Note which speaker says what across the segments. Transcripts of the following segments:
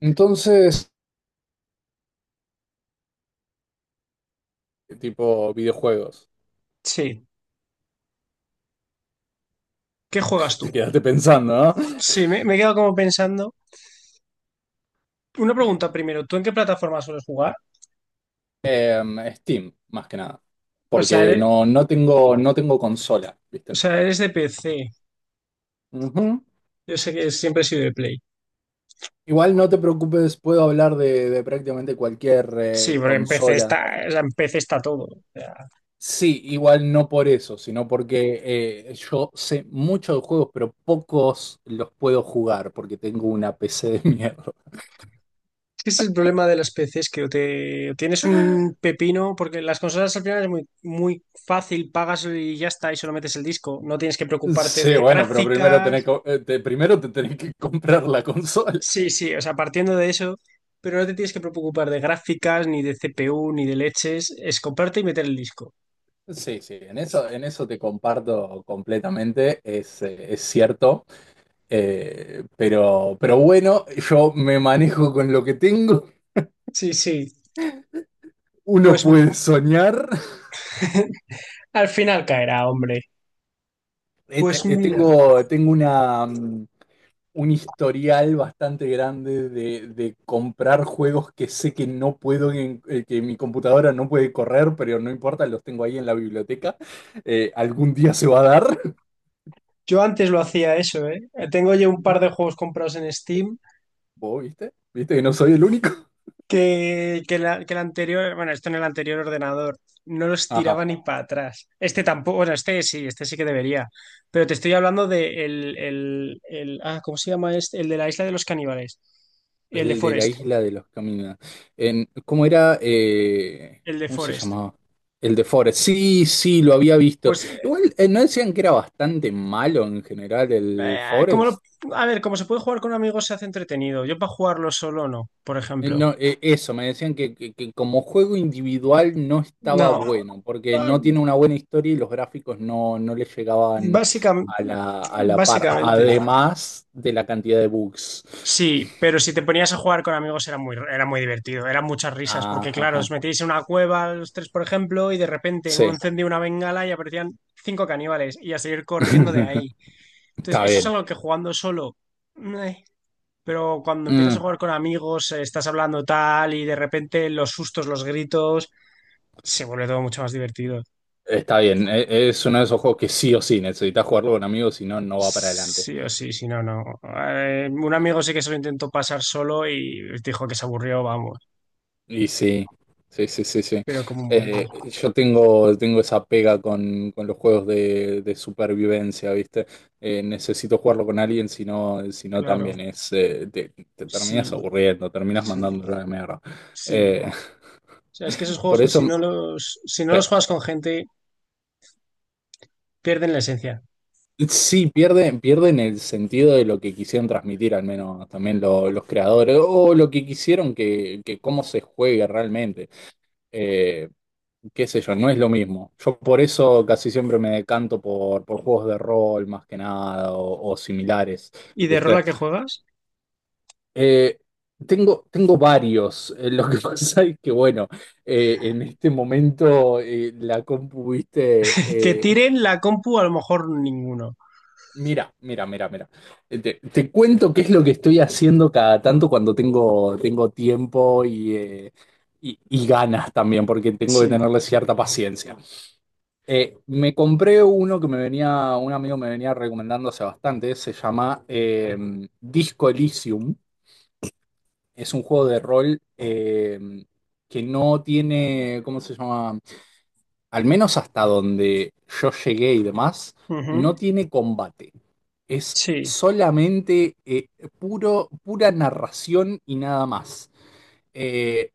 Speaker 1: Entonces, tipo videojuegos,
Speaker 2: Sí. ¿Qué juegas
Speaker 1: te
Speaker 2: tú?
Speaker 1: quedaste pensando, ¿no?
Speaker 2: Sí, me he quedado como pensando. Una pregunta primero, ¿tú en qué plataforma sueles jugar?
Speaker 1: Steam, más que nada.
Speaker 2: O sea,
Speaker 1: Porque
Speaker 2: eres,
Speaker 1: no tengo, no tengo consola,
Speaker 2: o
Speaker 1: ¿viste?
Speaker 2: sea, eres de PC.
Speaker 1: Ujú.
Speaker 2: Yo sé que siempre he sido de Play.
Speaker 1: Igual no te preocupes, puedo hablar de prácticamente cualquier
Speaker 2: Sí, porque en PC
Speaker 1: consola.
Speaker 2: está, o sea, en PC está todo. O sea,
Speaker 1: Sí, igual no por eso, sino porque yo sé mucho de juegos, pero pocos los puedo jugar porque tengo una PC de mierda.
Speaker 2: es que ese es el problema de las PCs, que o te o tienes un pepino, porque las consolas al final es muy, muy fácil, pagas y ya está, y solo metes el disco. No tienes que preocuparte
Speaker 1: Sí,
Speaker 2: de
Speaker 1: bueno, pero primero,
Speaker 2: gráficas.
Speaker 1: primero te tenés que comprar la consola.
Speaker 2: Sí, sí, o sea, partiendo de eso, pero no te tienes que preocupar de gráficas, ni de CPU, ni de leches, es comprarte y meter el disco.
Speaker 1: Sí, sí, en eso te comparto completamente, es cierto. Pero bueno, yo me manejo con lo que tengo,
Speaker 2: Sí, sí,
Speaker 1: uno
Speaker 2: pues
Speaker 1: puede soñar.
Speaker 2: al final caerá, hombre. Pues mira,
Speaker 1: Tengo, tengo un historial bastante grande de comprar juegos que sé que no puedo, que mi computadora no puede correr, pero no importa, los tengo ahí en la biblioteca. Algún día se va a dar,
Speaker 2: yo antes lo hacía eso, ¿eh? Tengo ya un par de juegos comprados en Steam
Speaker 1: vos viste que no soy el único.
Speaker 2: que el anterior, bueno, esto en el anterior ordenador, no los
Speaker 1: Ajá.
Speaker 2: tiraba ni para atrás. Este tampoco, bueno, este sí que debería, pero te estoy hablando de ¿cómo se llama este? El de la isla de los caníbales, el de
Speaker 1: El de la
Speaker 2: Forest.
Speaker 1: isla de los caminos. En, ¿cómo era?
Speaker 2: El de
Speaker 1: ¿Cómo se
Speaker 2: Forest.
Speaker 1: llamaba? El de Forest. Sí, sí, lo había visto.
Speaker 2: Pues,
Speaker 1: Igual, ¿no decían que era bastante malo en general el
Speaker 2: eh, como lo-
Speaker 1: Forest?
Speaker 2: a ver, como se puede jugar con amigos, se hace entretenido. Yo para jugarlo solo no, por ejemplo.
Speaker 1: No, eso, me decían que como juego individual no estaba
Speaker 2: No,
Speaker 1: bueno, porque no tiene una buena historia y los gráficos no le llegaban
Speaker 2: básicamente,
Speaker 1: a la par,
Speaker 2: básicamente.
Speaker 1: además de la cantidad de bugs.
Speaker 2: Sí, pero si te ponías a jugar con amigos era muy divertido, eran muchas risas, porque
Speaker 1: Ajá,
Speaker 2: claro, os
Speaker 1: ajá.
Speaker 2: metíais en una cueva los tres, por ejemplo, y de repente uno
Speaker 1: Sí,
Speaker 2: encendía una bengala y aparecían cinco caníbales y a seguir corriendo de ahí. Entonces,
Speaker 1: está
Speaker 2: eso es
Speaker 1: bien.
Speaker 2: algo que jugando solo, meh. Pero cuando empiezas
Speaker 1: Mm.
Speaker 2: a jugar con amigos, estás hablando tal y de repente los sustos, los gritos, se vuelve todo mucho más divertido.
Speaker 1: Está bien, es uno de esos juegos que sí o sí necesitas jugarlo con amigos, si no, no va para adelante.
Speaker 2: Sí o sí, si no, no. Un amigo sí que se lo intentó pasar solo y dijo que se aburrió, vamos,
Speaker 1: Y sí, sí, sí, sí, sí.
Speaker 2: pero como muerto.
Speaker 1: Yo tengo, tengo esa pega con los juegos de supervivencia, ¿viste? Necesito jugarlo con alguien, si no, si no
Speaker 2: Claro,
Speaker 1: también es, te, te terminas
Speaker 2: sí,
Speaker 1: aburriendo, terminas
Speaker 2: sí,
Speaker 1: mandándolo a la mierda.
Speaker 2: sí.
Speaker 1: Eh,
Speaker 2: O sea, es que esos
Speaker 1: por
Speaker 2: juegos,
Speaker 1: eso,
Speaker 2: si no
Speaker 1: sí.
Speaker 2: los juegas con gente, pierden la esencia.
Speaker 1: Sí, pierden, pierden el sentido de lo que quisieron transmitir, al menos también los creadores, o lo que quisieron que cómo se juegue realmente. Eh, Qué sé yo, no es lo mismo. Yo por eso casi siempre me decanto por juegos de rol más que nada o, o similares,
Speaker 2: ¿Y de rol
Speaker 1: ¿viste?
Speaker 2: a qué juegas?
Speaker 1: Eh, Tengo, tengo varios. Lo que pasa es que, bueno, en este momento la compu,
Speaker 2: Que
Speaker 1: ¿viste?
Speaker 2: tiren la compu, a lo mejor ninguno.
Speaker 1: Mira, mira, mira, mira. Te te cuento qué es lo que estoy haciendo cada tanto cuando tengo, tengo tiempo y y ganas también, porque tengo que
Speaker 2: Sí.
Speaker 1: tenerle cierta paciencia. Me compré uno que me venía, un amigo me venía recomendando hace bastante, se llama Disco Elysium. Es un juego de rol que no tiene, ¿cómo se llama? Al menos hasta donde yo llegué y demás, no
Speaker 2: Ujú.
Speaker 1: tiene combate. Es
Speaker 2: Sí,
Speaker 1: solamente puro, pura narración y nada más. Eh,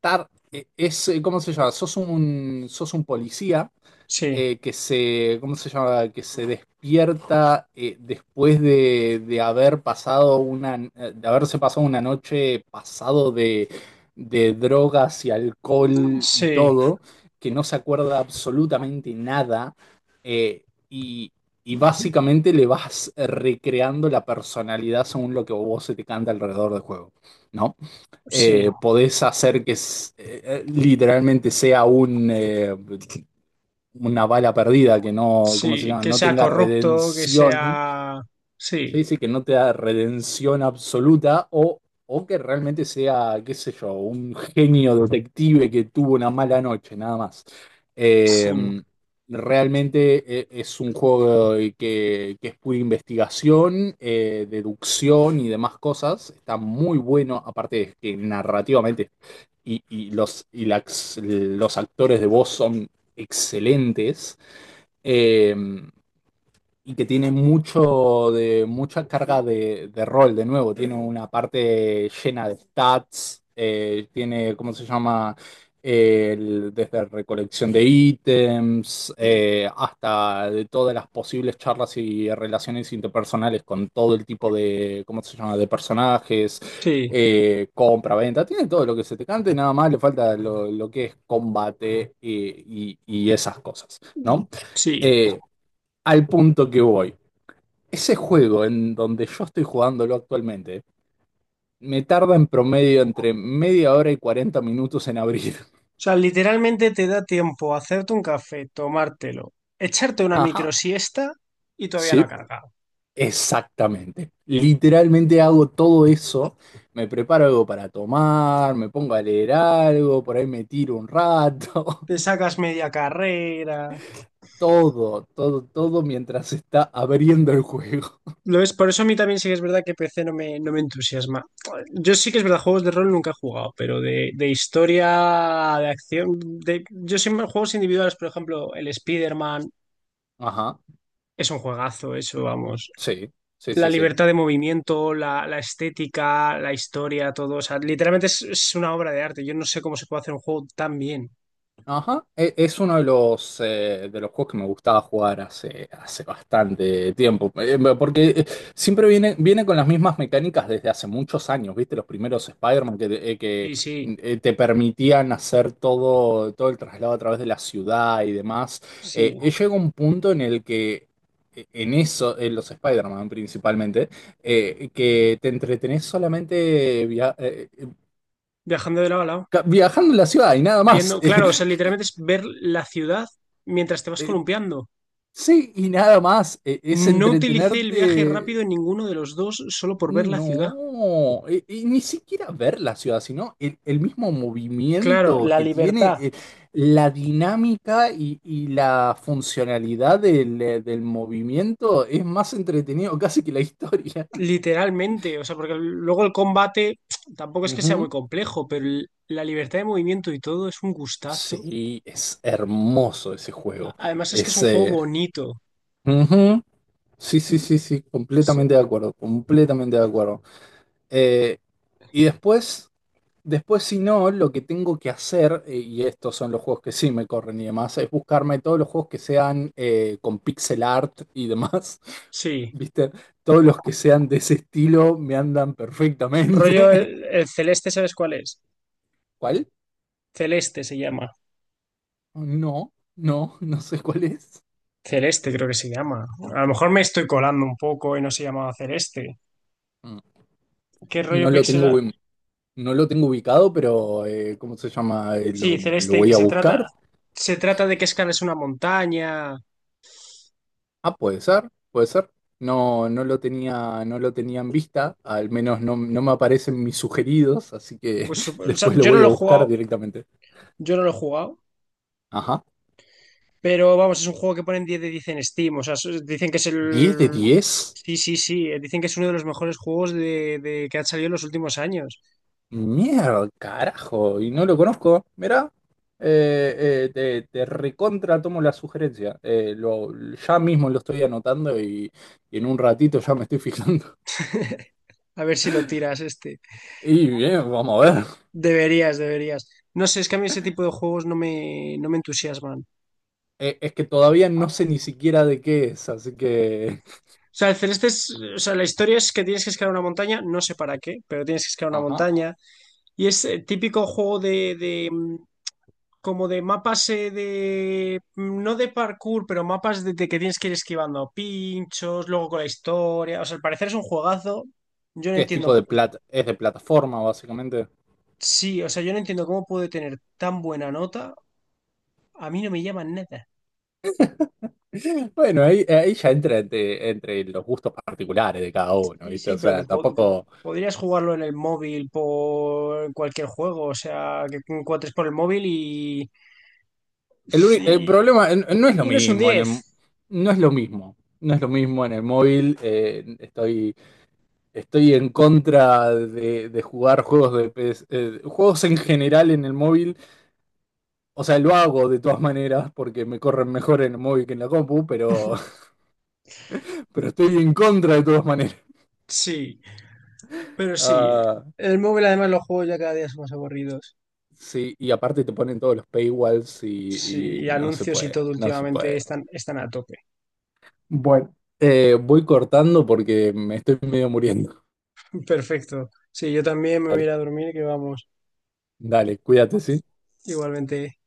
Speaker 1: ¿Cómo se llama? Sos un policía
Speaker 2: sí,
Speaker 1: que se, ¿cómo se llama? Que se despierta después de haber pasado una, de haberse pasado una noche pasado de drogas y alcohol y
Speaker 2: sí,
Speaker 1: todo, que no se acuerda absolutamente nada, eh, y, y básicamente le vas recreando la personalidad según lo que vos se te canta alrededor del juego, ¿no?
Speaker 2: sí.
Speaker 1: Podés hacer que literalmente sea una bala perdida que no, ¿cómo se
Speaker 2: Sí,
Speaker 1: llama?
Speaker 2: que
Speaker 1: No
Speaker 2: sea
Speaker 1: tenga
Speaker 2: corrupto, que
Speaker 1: redención,
Speaker 2: sea... Sí,
Speaker 1: se dice que no te da redención absoluta o que realmente sea, qué sé yo, un genio detective que tuvo una mala noche, nada más.
Speaker 2: sí,
Speaker 1: Eh, Realmente es un juego que es pura investigación, deducción y demás cosas. Está muy bueno, aparte de que narrativamente y los actores de voz son excelentes eh, y que tiene mucho mucha carga de rol, de nuevo. Tiene una parte llena de stats, tiene, ¿cómo se llama? Desde recolección de ítems hasta de todas las posibles charlas y relaciones interpersonales con todo el tipo de, ¿cómo se llama?, de personajes,
Speaker 2: sí,
Speaker 1: compra, venta, tiene todo lo que se te cante, nada más le falta lo que es combate y y esas cosas, ¿no?
Speaker 2: sí.
Speaker 1: Eh, Al punto que voy. Ese juego en donde yo estoy jugándolo actualmente, me tarda en promedio entre media hora y 40 minutos en abrir.
Speaker 2: O sea, literalmente te da tiempo a hacerte un café, tomártelo, echarte una
Speaker 1: Ajá.
Speaker 2: microsiesta y todavía no ha
Speaker 1: Sí,
Speaker 2: cargado.
Speaker 1: exactamente. Literalmente hago todo eso. Me preparo algo para tomar, me pongo a leer algo, por ahí me tiro un rato.
Speaker 2: Te sacas media carrera.
Speaker 1: Todo, todo, todo mientras está abriendo el juego.
Speaker 2: Lo es, por eso a mí también sí que es verdad que PC no me entusiasma. Yo sí que es verdad, juegos de rol nunca he jugado, pero de historia, de acción, de, yo siempre juegos individuales, por ejemplo, el Spider-Man
Speaker 1: Ajá,
Speaker 2: es un juegazo, eso, vamos.
Speaker 1: sí, sí,
Speaker 2: La
Speaker 1: sí, sí.
Speaker 2: libertad de movimiento, la estética, la historia, todo. O sea, literalmente es una obra de arte. Yo no sé cómo se puede hacer un juego tan bien.
Speaker 1: Ajá, es uno de los juegos que me gustaba jugar hace, hace bastante tiempo. Porque siempre viene, viene con las mismas mecánicas desde hace muchos años, ¿viste? Los primeros Spider-Man que, te eh, que,
Speaker 2: Sí, sí,
Speaker 1: eh, te permitían hacer todo, todo el traslado a través de la ciudad y demás.
Speaker 2: sí.
Speaker 1: Llega un punto en el que, en eso, en los Spider-Man principalmente, que te entretenés solamente
Speaker 2: Viajando de lado a lado.
Speaker 1: viajando en la ciudad y nada más.
Speaker 2: Viendo, claro, o sea, literalmente es ver la ciudad mientras te vas columpiando.
Speaker 1: Sí, y nada más, es
Speaker 2: No utilicé el viaje rápido
Speaker 1: entretenerte.
Speaker 2: en ninguno de los dos solo por ver la ciudad.
Speaker 1: No, y ni siquiera ver la ciudad, sino el mismo
Speaker 2: Claro,
Speaker 1: movimiento
Speaker 2: la
Speaker 1: que tiene,
Speaker 2: libertad,
Speaker 1: la dinámica y la funcionalidad del movimiento es más entretenido casi que la historia.
Speaker 2: literalmente. O sea, porque luego el combate tampoco es que sea muy
Speaker 1: Ujú.
Speaker 2: complejo, pero la libertad de movimiento y todo es un gustazo.
Speaker 1: Sí, es hermoso ese juego.
Speaker 2: Además es que es
Speaker 1: Es,
Speaker 2: un juego
Speaker 1: eh,
Speaker 2: bonito.
Speaker 1: ujú. Sí, sí, sí, sí,
Speaker 2: Sí,
Speaker 1: completamente de acuerdo, completamente de acuerdo. Eh, y después. Después, si no, lo que tengo que hacer, y estos son los juegos que sí me corren y demás, es buscarme todos los juegos que sean con pixel art y demás.
Speaker 2: sí.
Speaker 1: ¿Viste? Todos los que sean de ese estilo me andan
Speaker 2: Rollo
Speaker 1: perfectamente.
Speaker 2: el, el Celeste, ¿sabes cuál es?
Speaker 1: ¿Cuál?
Speaker 2: Celeste se llama.
Speaker 1: No, no, no sé cuál es.
Speaker 2: Celeste creo que se llama. A lo mejor me estoy colando un poco y no se llamaba Celeste.
Speaker 1: Mm.
Speaker 2: ¿Qué rollo
Speaker 1: No lo
Speaker 2: pixel?
Speaker 1: tengo, ubi- no lo tengo ubicado, pero ¿cómo se llama?
Speaker 2: Sí,
Speaker 1: Lo
Speaker 2: celeste, que
Speaker 1: voy a buscar.
Speaker 2: se trata de que escalas una montaña.
Speaker 1: Ah, puede ser, puede ser. No, no lo tenía, no lo tenía en vista, al menos no me aparecen mis sugeridos, así que
Speaker 2: Pues, o sea,
Speaker 1: después lo voy a buscar directamente.
Speaker 2: yo no lo he jugado,
Speaker 1: Ajá.
Speaker 2: pero vamos, es un juego que ponen 10 de 10 en Steam. O sea, dicen que es
Speaker 1: 10 de
Speaker 2: el...
Speaker 1: 10.
Speaker 2: Sí, sí, sí, dicen que es uno de los mejores juegos de que han salido en los últimos años.
Speaker 1: Mierda, carajo, y no lo conozco. Mirá, te recontra tomo la sugerencia. Ya mismo lo estoy anotando y en un ratito ya me estoy fijando.
Speaker 2: A ver si lo tiras este.
Speaker 1: Y bien, vamos a ver.
Speaker 2: Deberías, deberías. No sé, es que a mí ese tipo de juegos no me entusiasman. O
Speaker 1: Es que todavía no sé ni siquiera de qué es, así que...
Speaker 2: sea, el Celeste es, o sea, la historia es que tienes que escalar una montaña, no sé para qué, pero tienes que escalar una
Speaker 1: Ajá.
Speaker 2: montaña. Y es el típico juego como de mapas no de parkour, pero mapas de que tienes que ir esquivando pinchos, luego con la historia. O sea, al parecer es un juegazo. Yo no
Speaker 1: ¿Qué es tipo
Speaker 2: entiendo,
Speaker 1: de plata? ¿Es de plataforma, básicamente?
Speaker 2: sí, o sea, yo no entiendo cómo puede tener tan buena nota. A mí no me llama nada.
Speaker 1: Bueno, ahí, ahí ya entra entre los gustos particulares de cada uno,
Speaker 2: Sí,
Speaker 1: ¿viste?
Speaker 2: sí,
Speaker 1: O
Speaker 2: pero que,
Speaker 1: sea,
Speaker 2: que
Speaker 1: tampoco.
Speaker 2: podrías jugarlo en el móvil por cualquier juego, o sea, que encuentres por el móvil
Speaker 1: El
Speaker 2: y,
Speaker 1: problema no es lo
Speaker 2: y no es un
Speaker 1: mismo en el...
Speaker 2: 10.
Speaker 1: No es lo mismo. No es lo mismo en el móvil. Estoy en contra de jugar juegos de PS juegos en general en el móvil. O sea, lo hago de todas maneras porque me corren mejor en el móvil que en la compu, pero pero estoy en contra de todas maneras.
Speaker 2: Sí, pero sí.
Speaker 1: Ah,
Speaker 2: El móvil además los juegos ya cada día son más aburridos.
Speaker 1: sí, y aparte te ponen todos los paywalls
Speaker 2: Sí,
Speaker 1: y
Speaker 2: y
Speaker 1: no se
Speaker 2: anuncios y
Speaker 1: puede,
Speaker 2: todo
Speaker 1: no se
Speaker 2: últimamente
Speaker 1: puede.
Speaker 2: están a tope.
Speaker 1: Bueno. Voy cortando porque me estoy medio muriendo.
Speaker 2: Perfecto. Sí, yo también me voy a
Speaker 1: Dale,
Speaker 2: ir a dormir, que vamos,
Speaker 1: dale, cuídate, ¿sí?
Speaker 2: igualmente.